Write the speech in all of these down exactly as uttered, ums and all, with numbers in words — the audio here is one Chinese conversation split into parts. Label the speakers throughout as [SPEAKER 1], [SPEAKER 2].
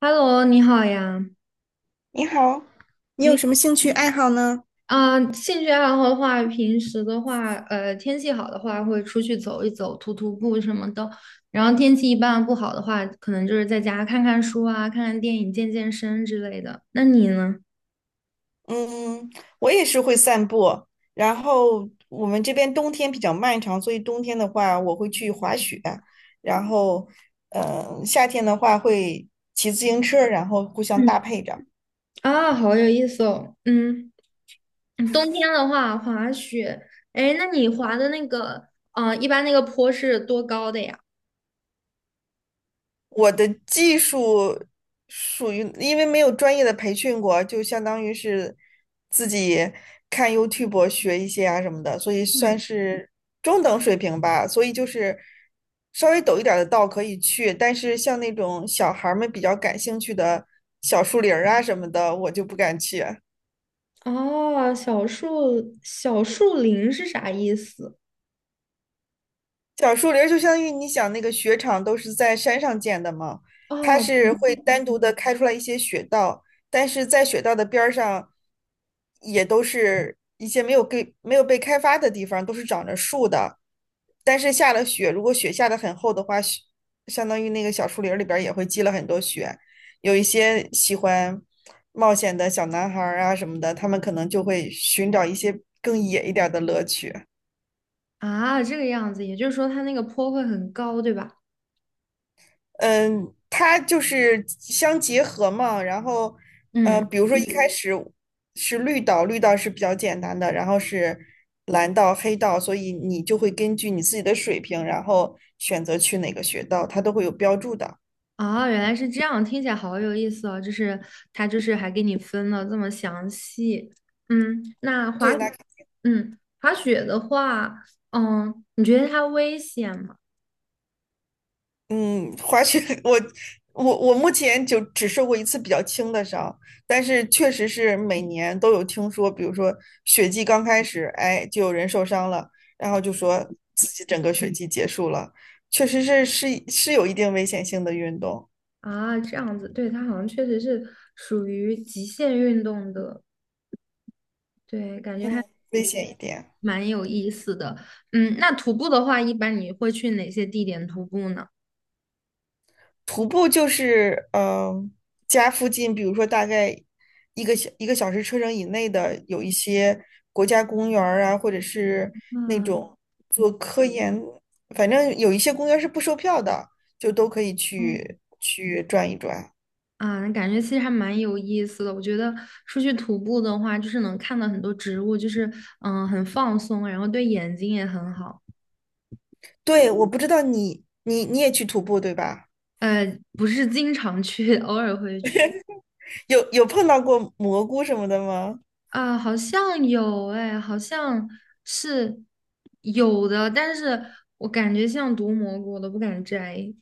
[SPEAKER 1] Hello，你好呀。
[SPEAKER 2] 你好，你有
[SPEAKER 1] 哎，
[SPEAKER 2] 什么兴趣爱好呢？
[SPEAKER 1] 啊，兴趣爱好的话，平时的话，呃，天气好的话，会出去走一走，徒徒步什么的。然后天气一般不好的话，可能就是在家看看书啊，看看电影，健健身之类的。那你呢？
[SPEAKER 2] 嗯，我也是会散步，然后我们这边冬天比较漫长，所以冬天的话我会去滑雪，然后，呃，夏天的话会骑自行车，然后互相
[SPEAKER 1] 嗯，
[SPEAKER 2] 搭配着。
[SPEAKER 1] 啊，好有意思哦。嗯，冬天的话，滑雪。哎，那你滑的那个，啊，一般那个坡是多高的呀？
[SPEAKER 2] 我的技术属于，因为没有专业的培训过，就相当于是自己看 YouTube 学一些啊什么的，所以算
[SPEAKER 1] 嗯，
[SPEAKER 2] 是中等水平吧。所以就是稍微陡一点儿的道可以去，但是像那种小孩儿们比较感兴趣的小树林儿啊什么的，我就不敢去。
[SPEAKER 1] 哦，小树小树林是啥意思？
[SPEAKER 2] 小树林儿就相当于你想那个雪场都是在山上建的嘛，它
[SPEAKER 1] 哦，
[SPEAKER 2] 是会单独的开出来一些雪道，但是在雪道的边儿上，也都是一些没有给，没有被开发的地方，都是长着树的。但是下了雪，如果雪下得很厚的话，雪相当于那个小树林儿里边儿也会积了很多雪。有一些喜欢冒险的小男孩儿啊什么的，他们可能就会寻找一些更野一点儿的乐趣。
[SPEAKER 1] 啊，这个样子，也就是说它那个坡会很高，对吧？
[SPEAKER 2] 嗯，它就是相结合嘛。然后，呃，
[SPEAKER 1] 嗯，
[SPEAKER 2] 比如说一开嗯始是绿道，绿道是比较简单的，然后是蓝道、黑道，所以你就会根据你自己的水平，然后选择去哪个学道，它都会有标注的。
[SPEAKER 1] 啊，原来是这样，听起来好有意思哦。就是它就是还给你分了这么详细。嗯，那
[SPEAKER 2] 对，
[SPEAKER 1] 滑，
[SPEAKER 2] 那
[SPEAKER 1] 嗯，滑雪的话，嗯，你觉得它危险吗？
[SPEAKER 2] 嗯，滑雪，我我我目前就只受过一次比较轻的伤，但是确实是每年都有听说，比如说雪季刚开始，哎，就有人受伤了，然后就说自己整个雪季结束了，确实是是是有一定危险性的运动，
[SPEAKER 1] 啊，这样子，对，它好像确实是属于极限运动的，对，感觉还
[SPEAKER 2] 嗯，危险一点。
[SPEAKER 1] 蛮有意思的。嗯，那徒步的话，一般你会去哪些地点徒步呢？
[SPEAKER 2] 徒步就是嗯、呃家附近，比如说大概一个小一个小时车程以内的，有一些国家公园儿啊，或者是那
[SPEAKER 1] 嗯。
[SPEAKER 2] 种做科研，反正有一些公园儿是不售票的，就都可以去去转一转。
[SPEAKER 1] 啊，那感觉其实还蛮有意思的。我觉得出去徒步的话，就是能看到很多植物，就是嗯，很放松，然后对眼睛也很好。
[SPEAKER 2] 对，我不知道你你你也去徒步对吧？
[SPEAKER 1] 呃，不是经常去，偶尔会去。
[SPEAKER 2] 有有碰到过蘑菇什么的吗？
[SPEAKER 1] 啊，好像有哎，好像是有的，但是我感觉像毒蘑菇，我都不敢摘。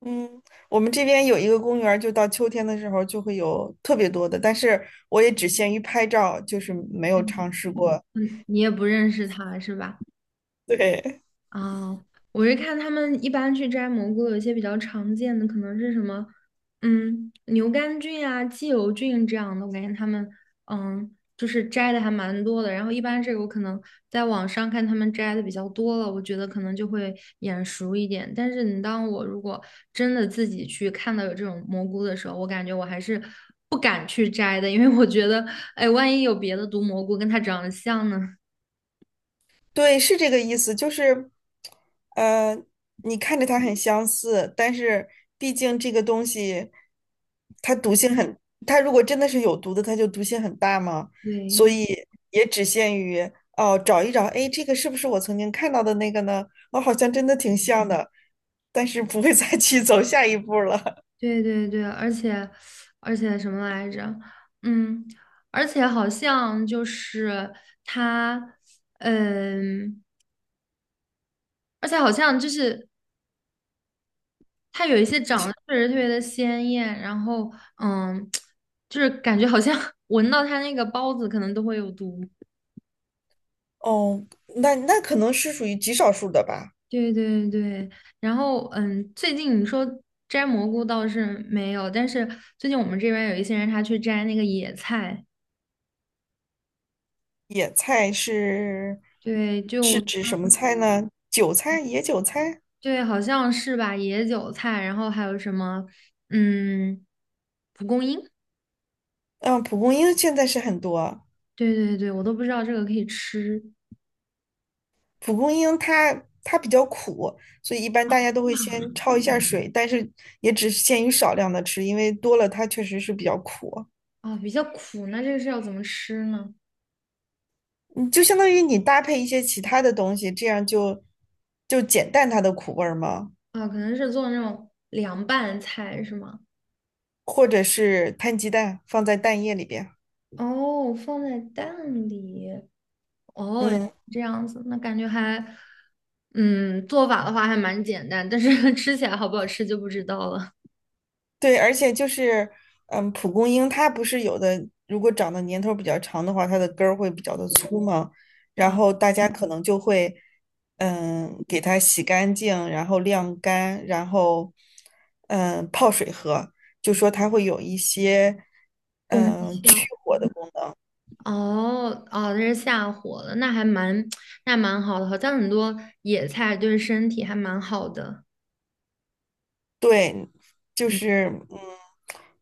[SPEAKER 2] 嗯，我们这边有一个公园儿就到秋天的时候就会有特别多的，但是我也只限于拍照，就是没有尝试过。
[SPEAKER 1] 嗯，你也不认识它是吧？
[SPEAKER 2] 对，
[SPEAKER 1] 啊，我是看他们一般去摘蘑菇，有一些比较常见的可能是什么，嗯，牛肝菌啊、鸡油菌这样的，我感觉他们嗯，就是摘的还蛮多的。然后一般这个我可能在网上看他们摘的比较多了，我觉得可能就会眼熟一点。但是你当我如果真的自己去看到有这种蘑菇的时候，我感觉我还是不敢去摘的，因为我觉得，哎，万一有别的毒蘑菇跟它长得像呢？
[SPEAKER 2] 对，是这个意思，就是，呃，你看着它很相似，但是毕竟这个东西，它毒性很，它如果真的是有毒的，它就毒性很大嘛，所
[SPEAKER 1] 对。
[SPEAKER 2] 以也只限于哦，找一找，哎，这个是不是我曾经看到的那个呢？我好像真的挺像的，但是不会再去走下一步了。
[SPEAKER 1] 对对对，而且而且什么来着？嗯，而且好像就是他，嗯，而且好像就是他有一些长得确实特别的鲜艳，然后嗯，就是感觉好像 闻到他那个包子可能都会有毒。
[SPEAKER 2] 哦，那那可能是属于极少数的吧。
[SPEAKER 1] 对对对，然后嗯，最近你说摘蘑菇倒是没有，但是最近我们这边有一些人他去摘那个野菜，
[SPEAKER 2] 野菜是
[SPEAKER 1] 对，就。
[SPEAKER 2] 是指什么菜呢？韭菜，野韭菜。
[SPEAKER 1] 对，好像是吧，野韭菜，然后还有什么，嗯，蒲公英，
[SPEAKER 2] 嗯，蒲公英现在是很多。
[SPEAKER 1] 对对对，我都不知道这个可以吃。
[SPEAKER 2] 蒲公英它它比较苦，所以一般大家都会先焯一下水，但是也只限于少量的吃，因为多了它确实是比较苦。
[SPEAKER 1] 啊，比较苦，那这个是要怎么吃呢？
[SPEAKER 2] 你就相当于你搭配一些其他的东西，这样就就减淡它的苦味儿嘛，
[SPEAKER 1] 啊，可能是做那种凉拌菜是吗？
[SPEAKER 2] 或者是摊鸡蛋放在蛋液里边。
[SPEAKER 1] 哦，放在蛋里，哦，原来
[SPEAKER 2] 嗯。
[SPEAKER 1] 是这样子，那感觉还，嗯，做法的话还蛮简单，但是 吃起来好不好吃就不知道了。
[SPEAKER 2] 对，而且就是，嗯，蒲公英它不是有的，如果长的年头比较长的话，它的根儿会比较的粗嘛，然后大家可能就会，嗯，给它洗干净，然后晾干，然后，嗯，泡水喝，就说它会有一些，嗯，去火的，
[SPEAKER 1] 哦哦，这是下火了，那还蛮 那蛮好的，好像很多野菜对身体还蛮好的。
[SPEAKER 2] 对，就
[SPEAKER 1] 嗯，
[SPEAKER 2] 是，嗯，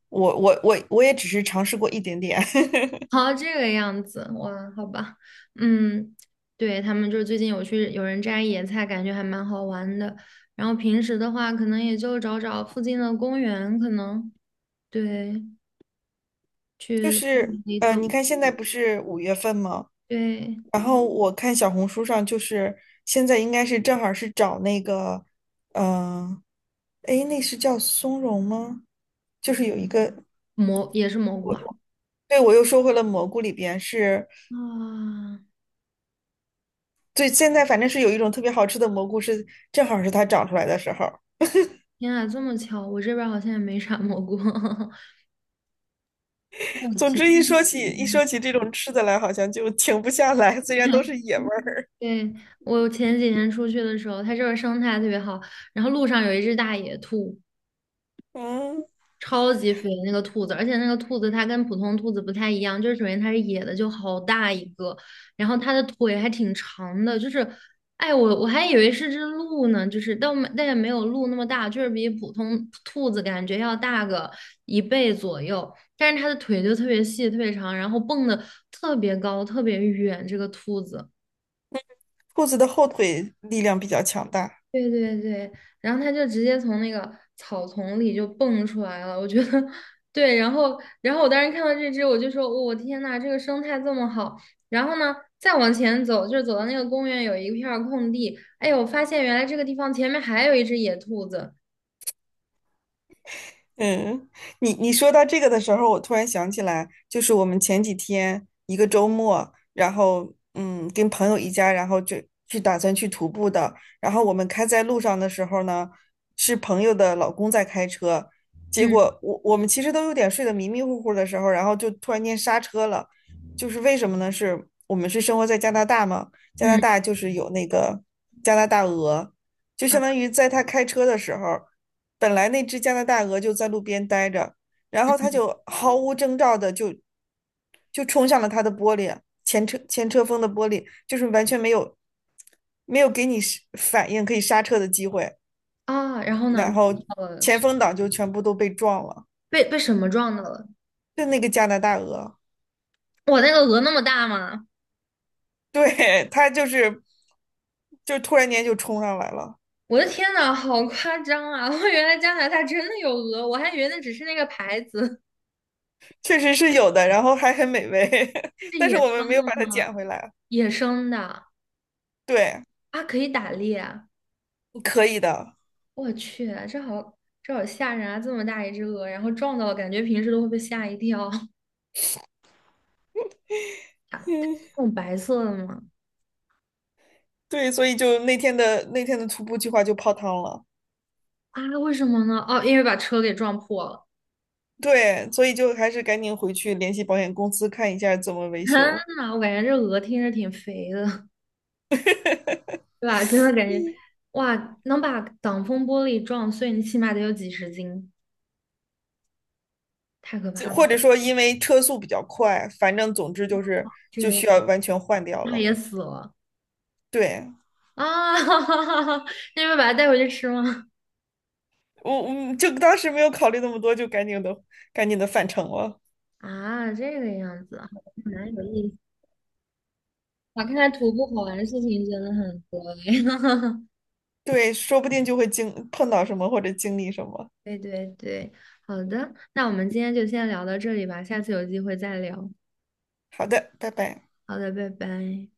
[SPEAKER 2] 我我我我也只是尝试过一点点。
[SPEAKER 1] 好，这个样子，哇，好吧，嗯，对，他们就是最近有去有人摘野菜，感觉还蛮好玩的。然后平时的话，可能也就找找附近的公园，可能对，
[SPEAKER 2] 就
[SPEAKER 1] 去公
[SPEAKER 2] 是
[SPEAKER 1] 园里
[SPEAKER 2] 呃，
[SPEAKER 1] 走，
[SPEAKER 2] 你看现在不是五月份吗？
[SPEAKER 1] 对，
[SPEAKER 2] 然后我看小红书上，就是现在应该是正好是找那个，嗯、呃，诶，那是叫松茸吗？就是有一个，
[SPEAKER 1] 蘑也是蘑菇
[SPEAKER 2] 我
[SPEAKER 1] 啊。
[SPEAKER 2] 对我又说回了蘑菇里边是，
[SPEAKER 1] 啊，
[SPEAKER 2] 对，现在反正是有一种特别好吃的蘑菇是，正好是它长出来的时候。
[SPEAKER 1] 天啊，这么巧，我这边儿好像也没啥蘑菇。抱
[SPEAKER 2] 总
[SPEAKER 1] 歉
[SPEAKER 2] 之一说起一说起这种吃的来，好像就停不下来，虽然都是 野味儿。
[SPEAKER 1] 对，我前几天出去的时候，它这儿生态特别好，然后路上有一只大野兔，
[SPEAKER 2] 嗯，
[SPEAKER 1] 超级肥那个兔子，而且那个兔子它跟普通兔子不太一样，就是首先它是野的，就好大一个，然后它的腿还挺长的，就是，哎，我我还以为是只鹿呢，就是但没但也没有鹿那么大，就是比普通兔子感觉要大个一倍左右，但是它的腿就特别细，特别长，然后蹦的特别高，特别远，这个兔子。
[SPEAKER 2] 兔子的后腿力量比较强大。
[SPEAKER 1] 对对对，然后他就直接从那个草丛里就蹦出来了，我觉得 对，然后然后我当时看到这只，我就说，哦我、天呐，这个生态这么好。然后呢，再往前走，就是走到那个公园有一片儿空地，哎呦，我发现原来这个地方前面还有一只野兔子，
[SPEAKER 2] 嗯，你你说到这个的时候，我突然想起来，就是我们前几天一个周末，然后嗯，跟朋友一家，然后就去打算去徒步的。然后我们开在路上的时候呢，是朋友的老公在开车，结
[SPEAKER 1] 嗯
[SPEAKER 2] 果我我们其实都有点睡得迷迷糊糊的时候，然后就突然间刹车了。就是为什么呢？是我们是生活在加拿大嘛，加拿
[SPEAKER 1] 嗯
[SPEAKER 2] 大就是有那个加拿大鹅，就相
[SPEAKER 1] 啊
[SPEAKER 2] 当于在他开车的时候。本来那只加拿大鹅就在路边待着，然后它就毫无征兆的就就冲向了它的玻璃，前车前车风的玻璃，就是完全没有没有给你是反应可以刹车的机会，
[SPEAKER 1] 啊，然后呢，
[SPEAKER 2] 然
[SPEAKER 1] 撞
[SPEAKER 2] 后
[SPEAKER 1] 到了
[SPEAKER 2] 前
[SPEAKER 1] 是
[SPEAKER 2] 风挡就全部都被撞了，
[SPEAKER 1] 被被什么撞到了？
[SPEAKER 2] 就那个加拿大鹅，
[SPEAKER 1] 我那个鹅那么大吗？
[SPEAKER 2] 对，它就是就突然间就冲上来了，
[SPEAKER 1] 我的天呐，好夸张啊！我原来加拿大真的有鹅，我还以为那只是那个牌子，
[SPEAKER 2] 确实是有的，然后还很美味，
[SPEAKER 1] 是
[SPEAKER 2] 但是
[SPEAKER 1] 野
[SPEAKER 2] 我们没有
[SPEAKER 1] 生。
[SPEAKER 2] 把它捡回来，
[SPEAKER 1] 野生的
[SPEAKER 2] 对，
[SPEAKER 1] 啊，可以打猎。
[SPEAKER 2] 可以的。
[SPEAKER 1] 我去，这好这好吓人啊！这么大一只鹅，然后撞到了，感觉平时都会被吓一跳。它它
[SPEAKER 2] 嗯。
[SPEAKER 1] 是那种白色的吗？
[SPEAKER 2] 对，所以就那天的那天的徒步计划就泡汤了。
[SPEAKER 1] 啊，为什么呢？哦，因为把车给撞破了。
[SPEAKER 2] 对，所以就还是赶紧回去联系保险公司看一下怎么 维
[SPEAKER 1] 天
[SPEAKER 2] 修，
[SPEAKER 1] 呐，我感觉这鹅听着挺肥的，对吧？真的感觉，哇，能把挡风玻璃撞碎，你起码得有几十斤，太可
[SPEAKER 2] 这
[SPEAKER 1] 怕了。
[SPEAKER 2] 或者说因为车速比较快，反正总之就是
[SPEAKER 1] 这
[SPEAKER 2] 就
[SPEAKER 1] 个样
[SPEAKER 2] 需
[SPEAKER 1] 子，
[SPEAKER 2] 要完全换掉
[SPEAKER 1] 它
[SPEAKER 2] 了。
[SPEAKER 1] 也死了
[SPEAKER 2] 对，
[SPEAKER 1] 啊！哈哈哈哈那你们把它带回去吃吗？
[SPEAKER 2] 我我就当时没有考虑那么多，就赶紧的赶紧的返程了。
[SPEAKER 1] 啊，这个样子啊。蛮有意思。哇，看来徒步好玩的事情真的很多哎。
[SPEAKER 2] 对，说不定就会经碰到什么或者经历什么。
[SPEAKER 1] 对对对，好的，那我们今天就先聊到这里吧，下次有机会再聊。
[SPEAKER 2] 好的，拜拜。
[SPEAKER 1] 好的，拜拜。